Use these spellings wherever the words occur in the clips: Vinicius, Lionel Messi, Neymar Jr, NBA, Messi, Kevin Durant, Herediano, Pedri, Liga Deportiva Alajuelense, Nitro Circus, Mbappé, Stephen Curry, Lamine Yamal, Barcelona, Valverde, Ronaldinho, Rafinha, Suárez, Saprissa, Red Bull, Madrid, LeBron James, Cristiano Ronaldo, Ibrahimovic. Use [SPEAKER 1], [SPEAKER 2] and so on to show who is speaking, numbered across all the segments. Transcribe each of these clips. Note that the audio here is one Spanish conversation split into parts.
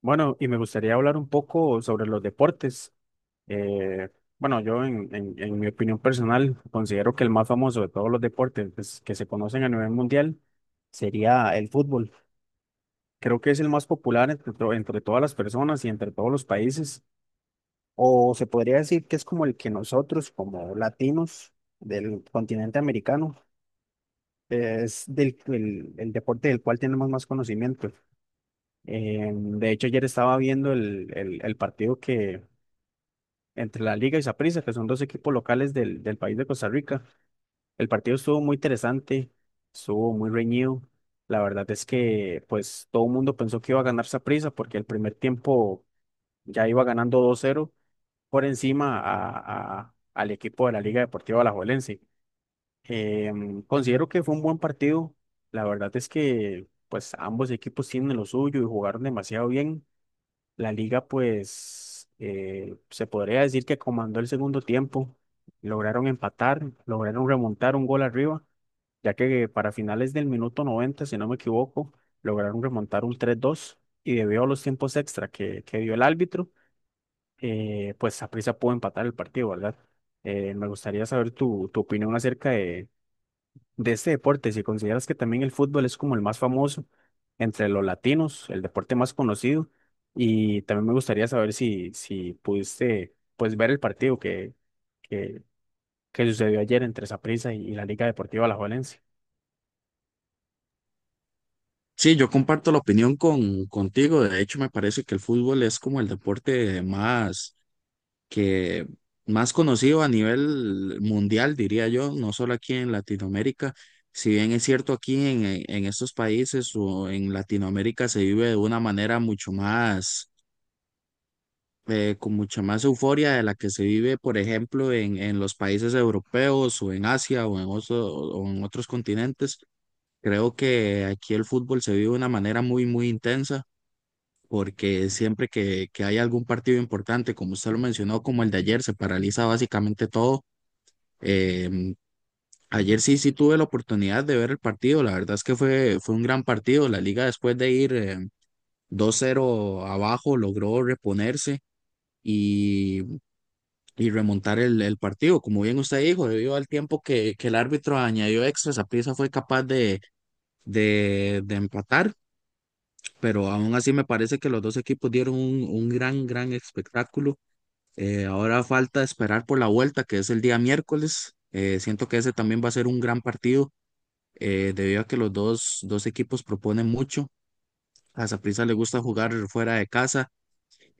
[SPEAKER 1] Bueno, y me gustaría hablar un poco sobre los deportes. Eh, bueno, yo en mi opinión personal considero que el más famoso de todos los deportes, pues, que se conocen a nivel mundial sería el fútbol. Creo que es el más popular entre todas las personas y entre todos los países. O se podría decir que es como el que nosotros, como latinos del continente americano, es el deporte del cual tenemos más conocimiento. De hecho, ayer estaba viendo el partido que entre la Liga y Saprissa, que son dos equipos locales del país de Costa Rica. El partido estuvo muy interesante, estuvo muy reñido. La verdad es que, pues, todo el mundo pensó que iba a ganar Saprissa porque el primer tiempo ya iba ganando 2-0 por encima al equipo de la Liga Deportiva Alajuelense. Considero que fue un buen partido. La verdad es que, pues, ambos equipos tienen lo suyo y jugaron demasiado bien. La Liga, pues, se podría decir que comandó el segundo tiempo. Lograron empatar, lograron remontar un gol arriba, ya que para finales del minuto 90, si no me equivoco, lograron remontar un 3-2, y debido a los tiempos extra que dio el árbitro, pues Saprissa pudo empatar el partido, ¿verdad? Me gustaría saber tu opinión acerca de este deporte, si consideras que también el fútbol es como el más famoso entre los latinos, el deporte más conocido, y también me gustaría saber si pudiste, pues, ver el partido que, que sucedió ayer entre Saprissa y la Liga Deportiva Alajuelense.
[SPEAKER 2] Sí, yo comparto la opinión contigo. De hecho, me parece que el fútbol es como el deporte más que más conocido a nivel mundial, diría yo, no solo aquí en Latinoamérica. Si bien es cierto aquí en estos países o en Latinoamérica se vive de una manera mucho más, con mucha más euforia de la que se vive, por ejemplo, en los países europeos o en Asia o o en otros continentes. Creo que aquí el fútbol se vive de una manera muy intensa porque siempre que hay algún partido importante, como usted lo mencionó, como el de ayer, se paraliza básicamente todo. Em, Ayer sí tuve la oportunidad de ver el partido, la verdad es que fue un gran partido. La liga después de ir 2-0 abajo logró reponerse. Y, y remontar el partido, como bien usted dijo, debido al tiempo que el árbitro añadió extra, Saprissa fue capaz de empatar, pero aún así me parece que los dos equipos dieron un gran espectáculo. Ahora falta esperar por la vuelta, que es el día miércoles. Siento que ese también va a ser un gran partido, debido a que los dos equipos proponen mucho. A Saprissa le gusta jugar fuera de casa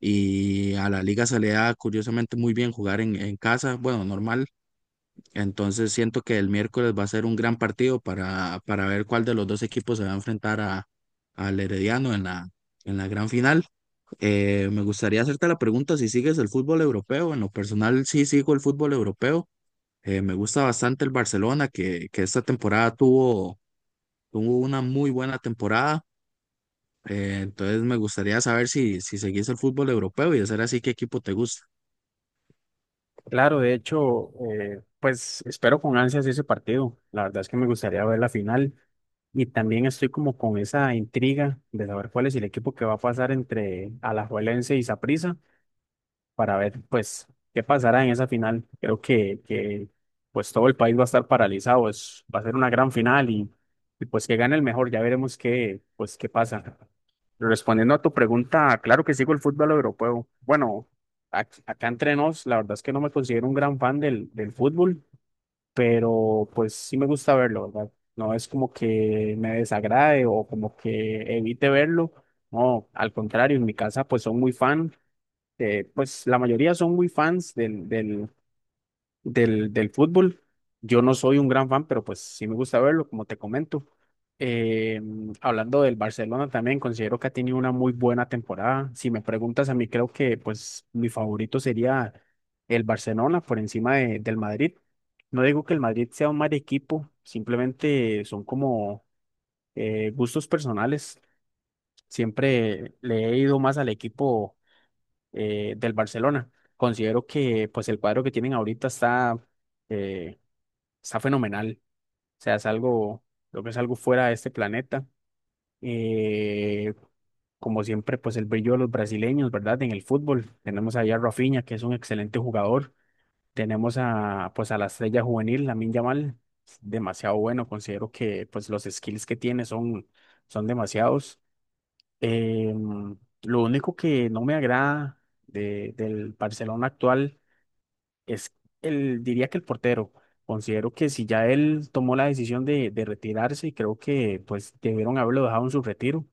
[SPEAKER 2] y a la liga se le da curiosamente muy bien jugar en casa, bueno, normal. Entonces siento que el miércoles va a ser un gran partido para ver cuál de los dos equipos se va a enfrentar al Herediano en en la gran final. Me gustaría hacerte la pregunta si sigues el fútbol europeo. En lo personal, sí sigo el fútbol europeo. Me gusta bastante el Barcelona, que esta temporada tuvo una muy buena temporada. Entonces, me gustaría saber si, si seguís el fútbol europeo y de ser así, ¿qué equipo te gusta?
[SPEAKER 1] Claro, de hecho, pues espero con ansias ese partido. La verdad es que me gustaría ver la final, y también estoy como con esa intriga de saber cuál es el equipo que va a pasar entre Alajuelense y Saprissa para ver, pues, qué pasará en esa final. Creo que, pues, todo el país va a estar paralizado, va a ser una gran final, y, pues, que gane el mejor, ya veremos qué, pues, qué pasa. Respondiendo a tu pregunta, claro que sigo el fútbol europeo. Bueno, acá entre nos, la verdad es que no me considero un gran fan del fútbol, pero, pues, sí me gusta verlo, ¿verdad? No es como que me desagrade o como que evite verlo. No, al contrario, en mi casa, pues, son muy fan, pues la mayoría son muy fans del fútbol. Yo no soy un gran fan, pero, pues, sí me gusta verlo, como te comento. Eh, Hablando del Barcelona también, considero que ha tenido una muy buena temporada. Si me preguntas a mí, creo que, pues, mi favorito sería el Barcelona por encima del Madrid. No digo que el Madrid sea un mal equipo, simplemente son como, gustos personales. Siempre le he ido más al equipo, del Barcelona. Considero que, pues, el cuadro que tienen ahorita eh, está fenomenal. O sea, lo que es algo fuera de este planeta. Eh, Como siempre, pues, el brillo de los brasileños, ¿verdad? En el fútbol. Tenemos allá a Rafinha, que es un excelente jugador. Tenemos a, pues, a la estrella juvenil, Lamine Yamal. Es demasiado bueno. Considero que, pues, los skills que tiene son, son demasiados. Em, lo único que no me agrada del Barcelona actual es el, diría que el portero. Considero que si ya él tomó la decisión de retirarse, creo que, pues, debieron haberlo dejado en su retiro.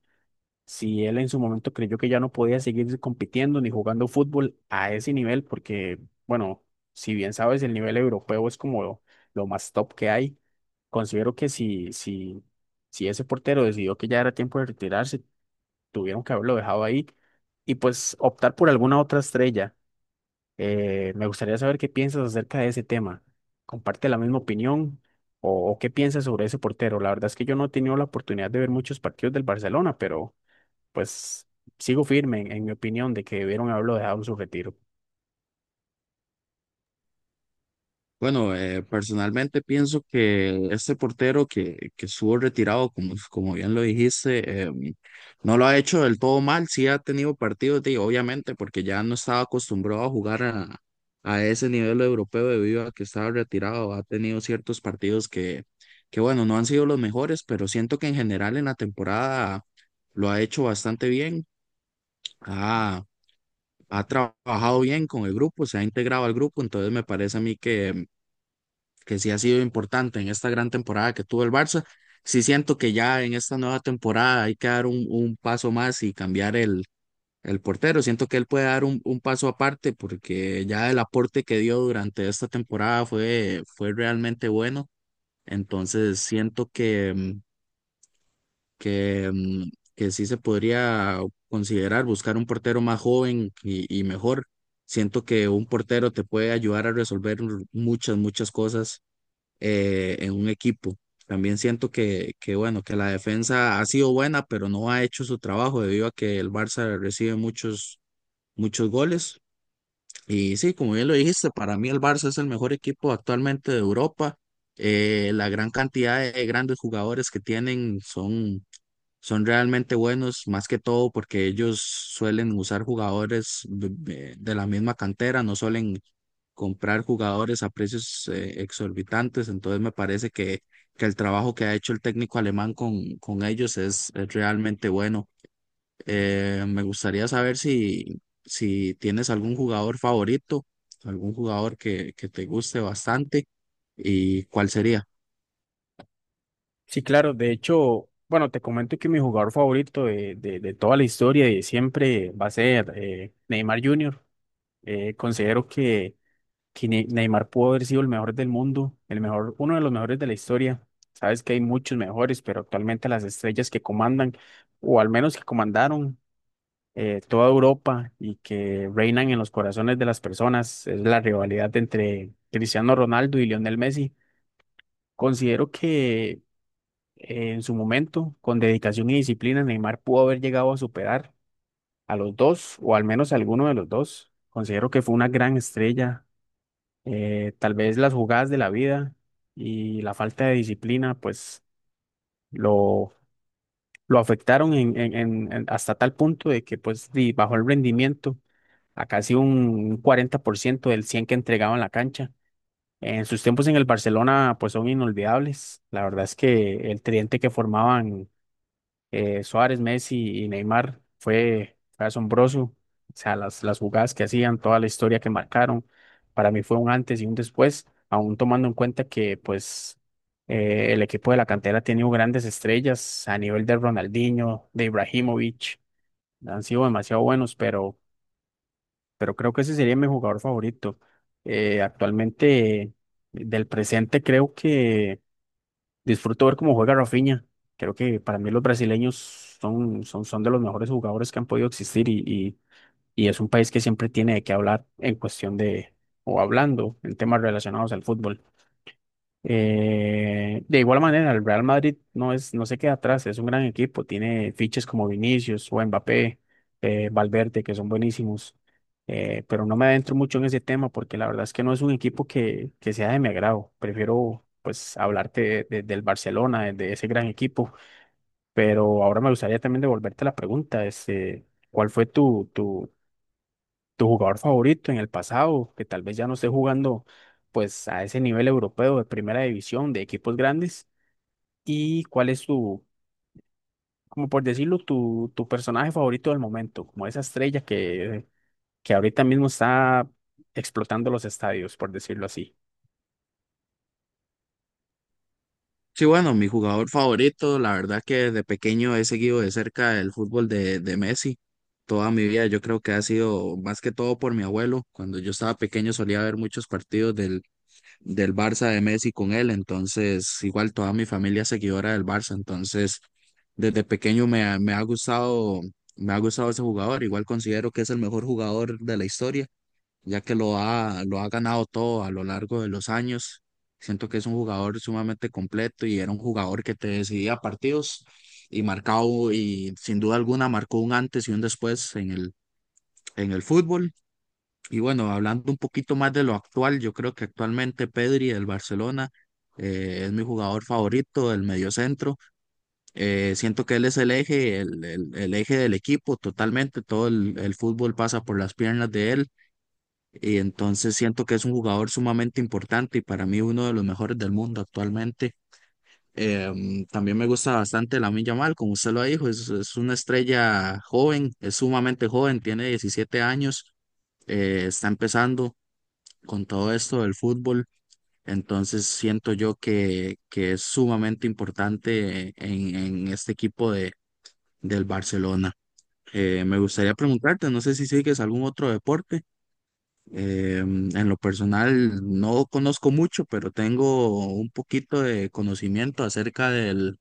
[SPEAKER 1] Si él en su momento creyó que ya no podía seguir compitiendo ni jugando fútbol a ese nivel, porque, bueno, si bien sabes, el nivel europeo es como lo más top que hay. Considero que si ese portero decidió que ya era tiempo de retirarse, tuvieron que haberlo dejado ahí y, pues, optar por alguna otra estrella. Me gustaría saber qué piensas acerca de ese tema. ¿Comparte la misma opinión, o qué piensas sobre ese portero? La verdad es que yo no he tenido la oportunidad de ver muchos partidos del Barcelona, pero, pues, sigo firme en mi opinión de que debieron haberlo dejado en su retiro.
[SPEAKER 2] Bueno, personalmente pienso que este portero que estuvo retirado, como, como bien lo dijiste, no lo ha hecho del todo mal, sí ha tenido partidos, de, obviamente, porque ya no estaba acostumbrado a jugar a ese nivel europeo debido a que estaba retirado, ha tenido ciertos partidos bueno, no han sido los mejores, pero siento que en general en la temporada lo ha hecho bastante bien, ha, ha trabajado bien con el grupo, se ha integrado al grupo, entonces me parece a mí que sí ha sido importante en esta gran temporada que tuvo el Barça. Sí siento que ya en esta nueva temporada hay que dar un paso más y cambiar el portero. Siento que él puede dar un paso aparte porque ya el aporte que dio durante esta temporada fue realmente bueno. Entonces siento que, que sí se podría considerar buscar un portero más joven y mejor. Siento que un portero te puede ayudar a resolver muchas cosas en un equipo. También siento que, bueno, que la defensa ha sido buena, pero no ha hecho su trabajo debido a que el Barça recibe muchos goles. Y sí, como bien lo dijiste, para mí el Barça es el mejor equipo actualmente de Europa. La gran cantidad de grandes jugadores que tienen son realmente buenos, más que todo porque ellos suelen usar jugadores de la misma cantera, no suelen comprar jugadores a precios exorbitantes, entonces me parece que el trabajo que ha hecho el técnico alemán con ellos es realmente bueno. Me gustaría saber si, si tienes algún jugador favorito, algún jugador que te guste bastante y cuál sería.
[SPEAKER 1] Sí, claro, de hecho, bueno, te comento que mi jugador favorito de toda la historia y de siempre va a ser, Neymar Jr. Considero que Neymar pudo haber sido el mejor del mundo, el mejor, uno de los mejores de la historia. Sabes que hay muchos mejores, pero actualmente las estrellas que comandan, o al menos que comandaron, toda Europa y que reinan en los corazones de las personas, es la rivalidad entre Cristiano Ronaldo y Lionel Messi. Considero que, en su momento, con dedicación y disciplina, Neymar pudo haber llegado a superar a los dos, o al menos a alguno de los dos. Considero que fue una gran estrella, tal vez las jugadas de la vida y la falta de disciplina, pues, lo, lo afectaron hasta tal punto de que, pues, bajó el rendimiento a casi un 40% del 100 que entregaba en la cancha. En sus tiempos en el Barcelona, pues, son inolvidables. La verdad es que el tridente que formaban, Suárez, Messi y Neymar fue asombroso. O sea, las jugadas que hacían, toda la historia que marcaron, para mí fue un antes y un después, aún tomando en cuenta que, pues, el equipo de la cantera ha tenido grandes estrellas a nivel de Ronaldinho, de Ibrahimovic, han sido demasiado buenos, pero creo que ese sería mi jugador favorito. Actualmente, del presente, creo que... Disfruto ver cómo juega Rafinha. Creo que para mí los brasileños son de los mejores jugadores que han podido existir, y es un país que siempre tiene de qué hablar en cuestión de, o hablando en temas relacionados al fútbol. De igual manera, el Real Madrid no es, no se queda atrás, es un gran equipo, tiene fiches como Vinicius o Mbappé, Valverde, que son buenísimos, pero no me adentro mucho en ese tema porque la verdad es que no es un equipo que sea de mi agrado. Prefiero, pues, hablarte del Barcelona, de ese gran equipo, pero ahora me gustaría también devolverte la pregunta, este, ¿cuál fue tu jugador favorito en el pasado, que tal vez ya no esté jugando, pues, a ese nivel europeo de primera división, de equipos grandes, y cuál es tu, como por decirlo, tu personaje favorito del momento, como esa estrella que ahorita mismo está explotando los estadios, por decirlo así?
[SPEAKER 2] Sí, bueno, mi jugador favorito, la verdad que desde pequeño he seguido de cerca el fútbol de Messi toda mi vida. Yo creo que ha sido más que todo por mi abuelo. Cuando yo estaba pequeño solía ver muchos partidos del Barça de Messi con él, entonces igual toda mi familia es seguidora del Barça, entonces desde pequeño me ha me ha gustado ese jugador. Igual considero que es el mejor jugador de la historia ya que lo ha ganado todo a lo largo de los años. Siento que es un jugador sumamente completo y era un jugador que te decidía partidos y marcado y sin duda alguna marcó un antes y un después en en el fútbol. Y bueno, hablando un poquito más de lo actual, yo creo que actualmente Pedri del Barcelona es mi jugador favorito del mediocentro. Siento que él es el eje, el eje del equipo totalmente. Todo el fútbol pasa por las piernas de él. Y entonces siento que es un jugador sumamente importante y para mí uno de los mejores del mundo actualmente. También me gusta bastante Lamine Yamal, como usted lo dijo, es una estrella joven, es sumamente joven, tiene 17 años, está empezando con todo esto del fútbol, entonces siento yo que es sumamente importante en este equipo del Barcelona. Me gustaría preguntarte, no sé si sigues algún otro deporte. En lo personal no conozco mucho, pero tengo un poquito de conocimiento acerca del,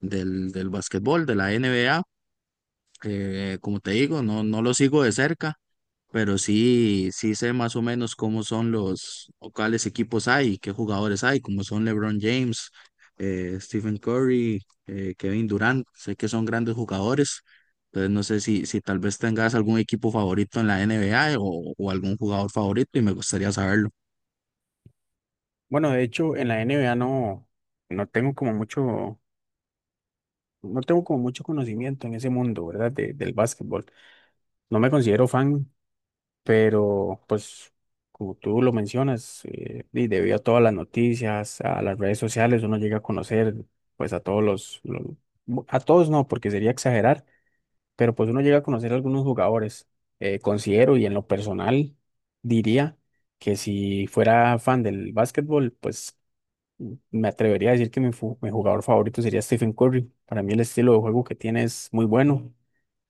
[SPEAKER 2] del, del básquetbol, de la NBA. Como te digo, no, no lo sigo de cerca, pero sí, sí sé más o menos cómo son los, o cuáles equipos hay, qué jugadores hay, como son LeBron James, Stephen Curry, Kevin Durant, sé que son grandes jugadores, entonces no sé si, si tal vez tengas algún equipo favorito en la NBA o algún jugador favorito y me gustaría saberlo.
[SPEAKER 1] Bueno, de hecho, en la NBA no tengo como mucho, no tengo como mucho conocimiento en ese mundo, ¿verdad? del básquetbol. No me considero fan, pero, pues, como tú lo mencionas, y debido a todas las noticias, a las redes sociales, uno llega a conocer, pues, a todos los- bu- a todos no, porque sería exagerar, pero, pues, uno llega a conocer a algunos jugadores. Considero y en lo personal diría que si fuera fan del básquetbol, pues, me atrevería a decir que mi jugador favorito sería Stephen Curry. Para mí el estilo de juego que tiene es muy bueno.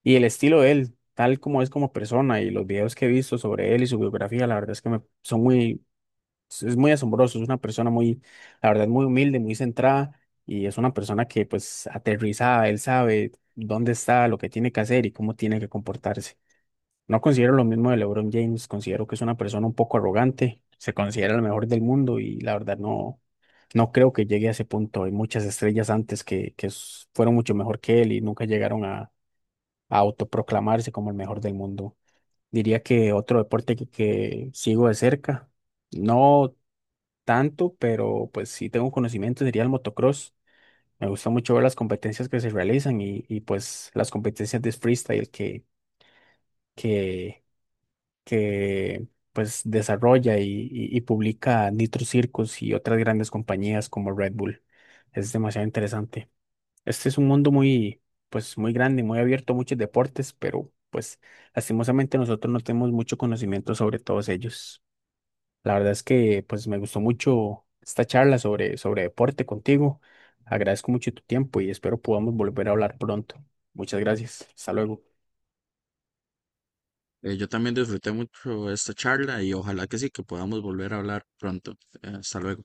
[SPEAKER 1] Y el estilo de él, tal como es como persona y los videos que he visto sobre él y su biografía, la verdad es que es muy asombroso. Es una persona muy, la verdad, muy humilde, muy centrada, y es una persona que, pues, aterrizada, él sabe dónde está, lo que tiene que hacer y cómo tiene que comportarse. No considero lo mismo de LeBron James, considero que es una persona un poco arrogante, se considera el mejor del mundo, y la verdad no creo que llegue a ese punto. Hay muchas estrellas antes que fueron mucho mejor que él y nunca llegaron a autoproclamarse como el mejor del mundo. Diría que otro deporte que sigo de cerca, no tanto, pero, pues, sí tengo conocimiento, sería el motocross. Me gusta mucho ver las competencias que se realizan, y pues las competencias de freestyle que, que, que, pues, desarrolla y publica Nitro Circus y otras grandes compañías como Red Bull. Es demasiado interesante. Este es un mundo muy, pues, muy grande, muy abierto a muchos deportes, pero, pues, lastimosamente nosotros no tenemos mucho conocimiento sobre todos ellos. La verdad es que, pues, me gustó mucho esta charla sobre deporte contigo. Agradezco mucho tu tiempo y espero podamos volver a hablar pronto. Muchas gracias. Hasta luego.
[SPEAKER 2] Yo también disfruté mucho esta charla y ojalá que sí, que podamos volver a hablar pronto. Hasta luego.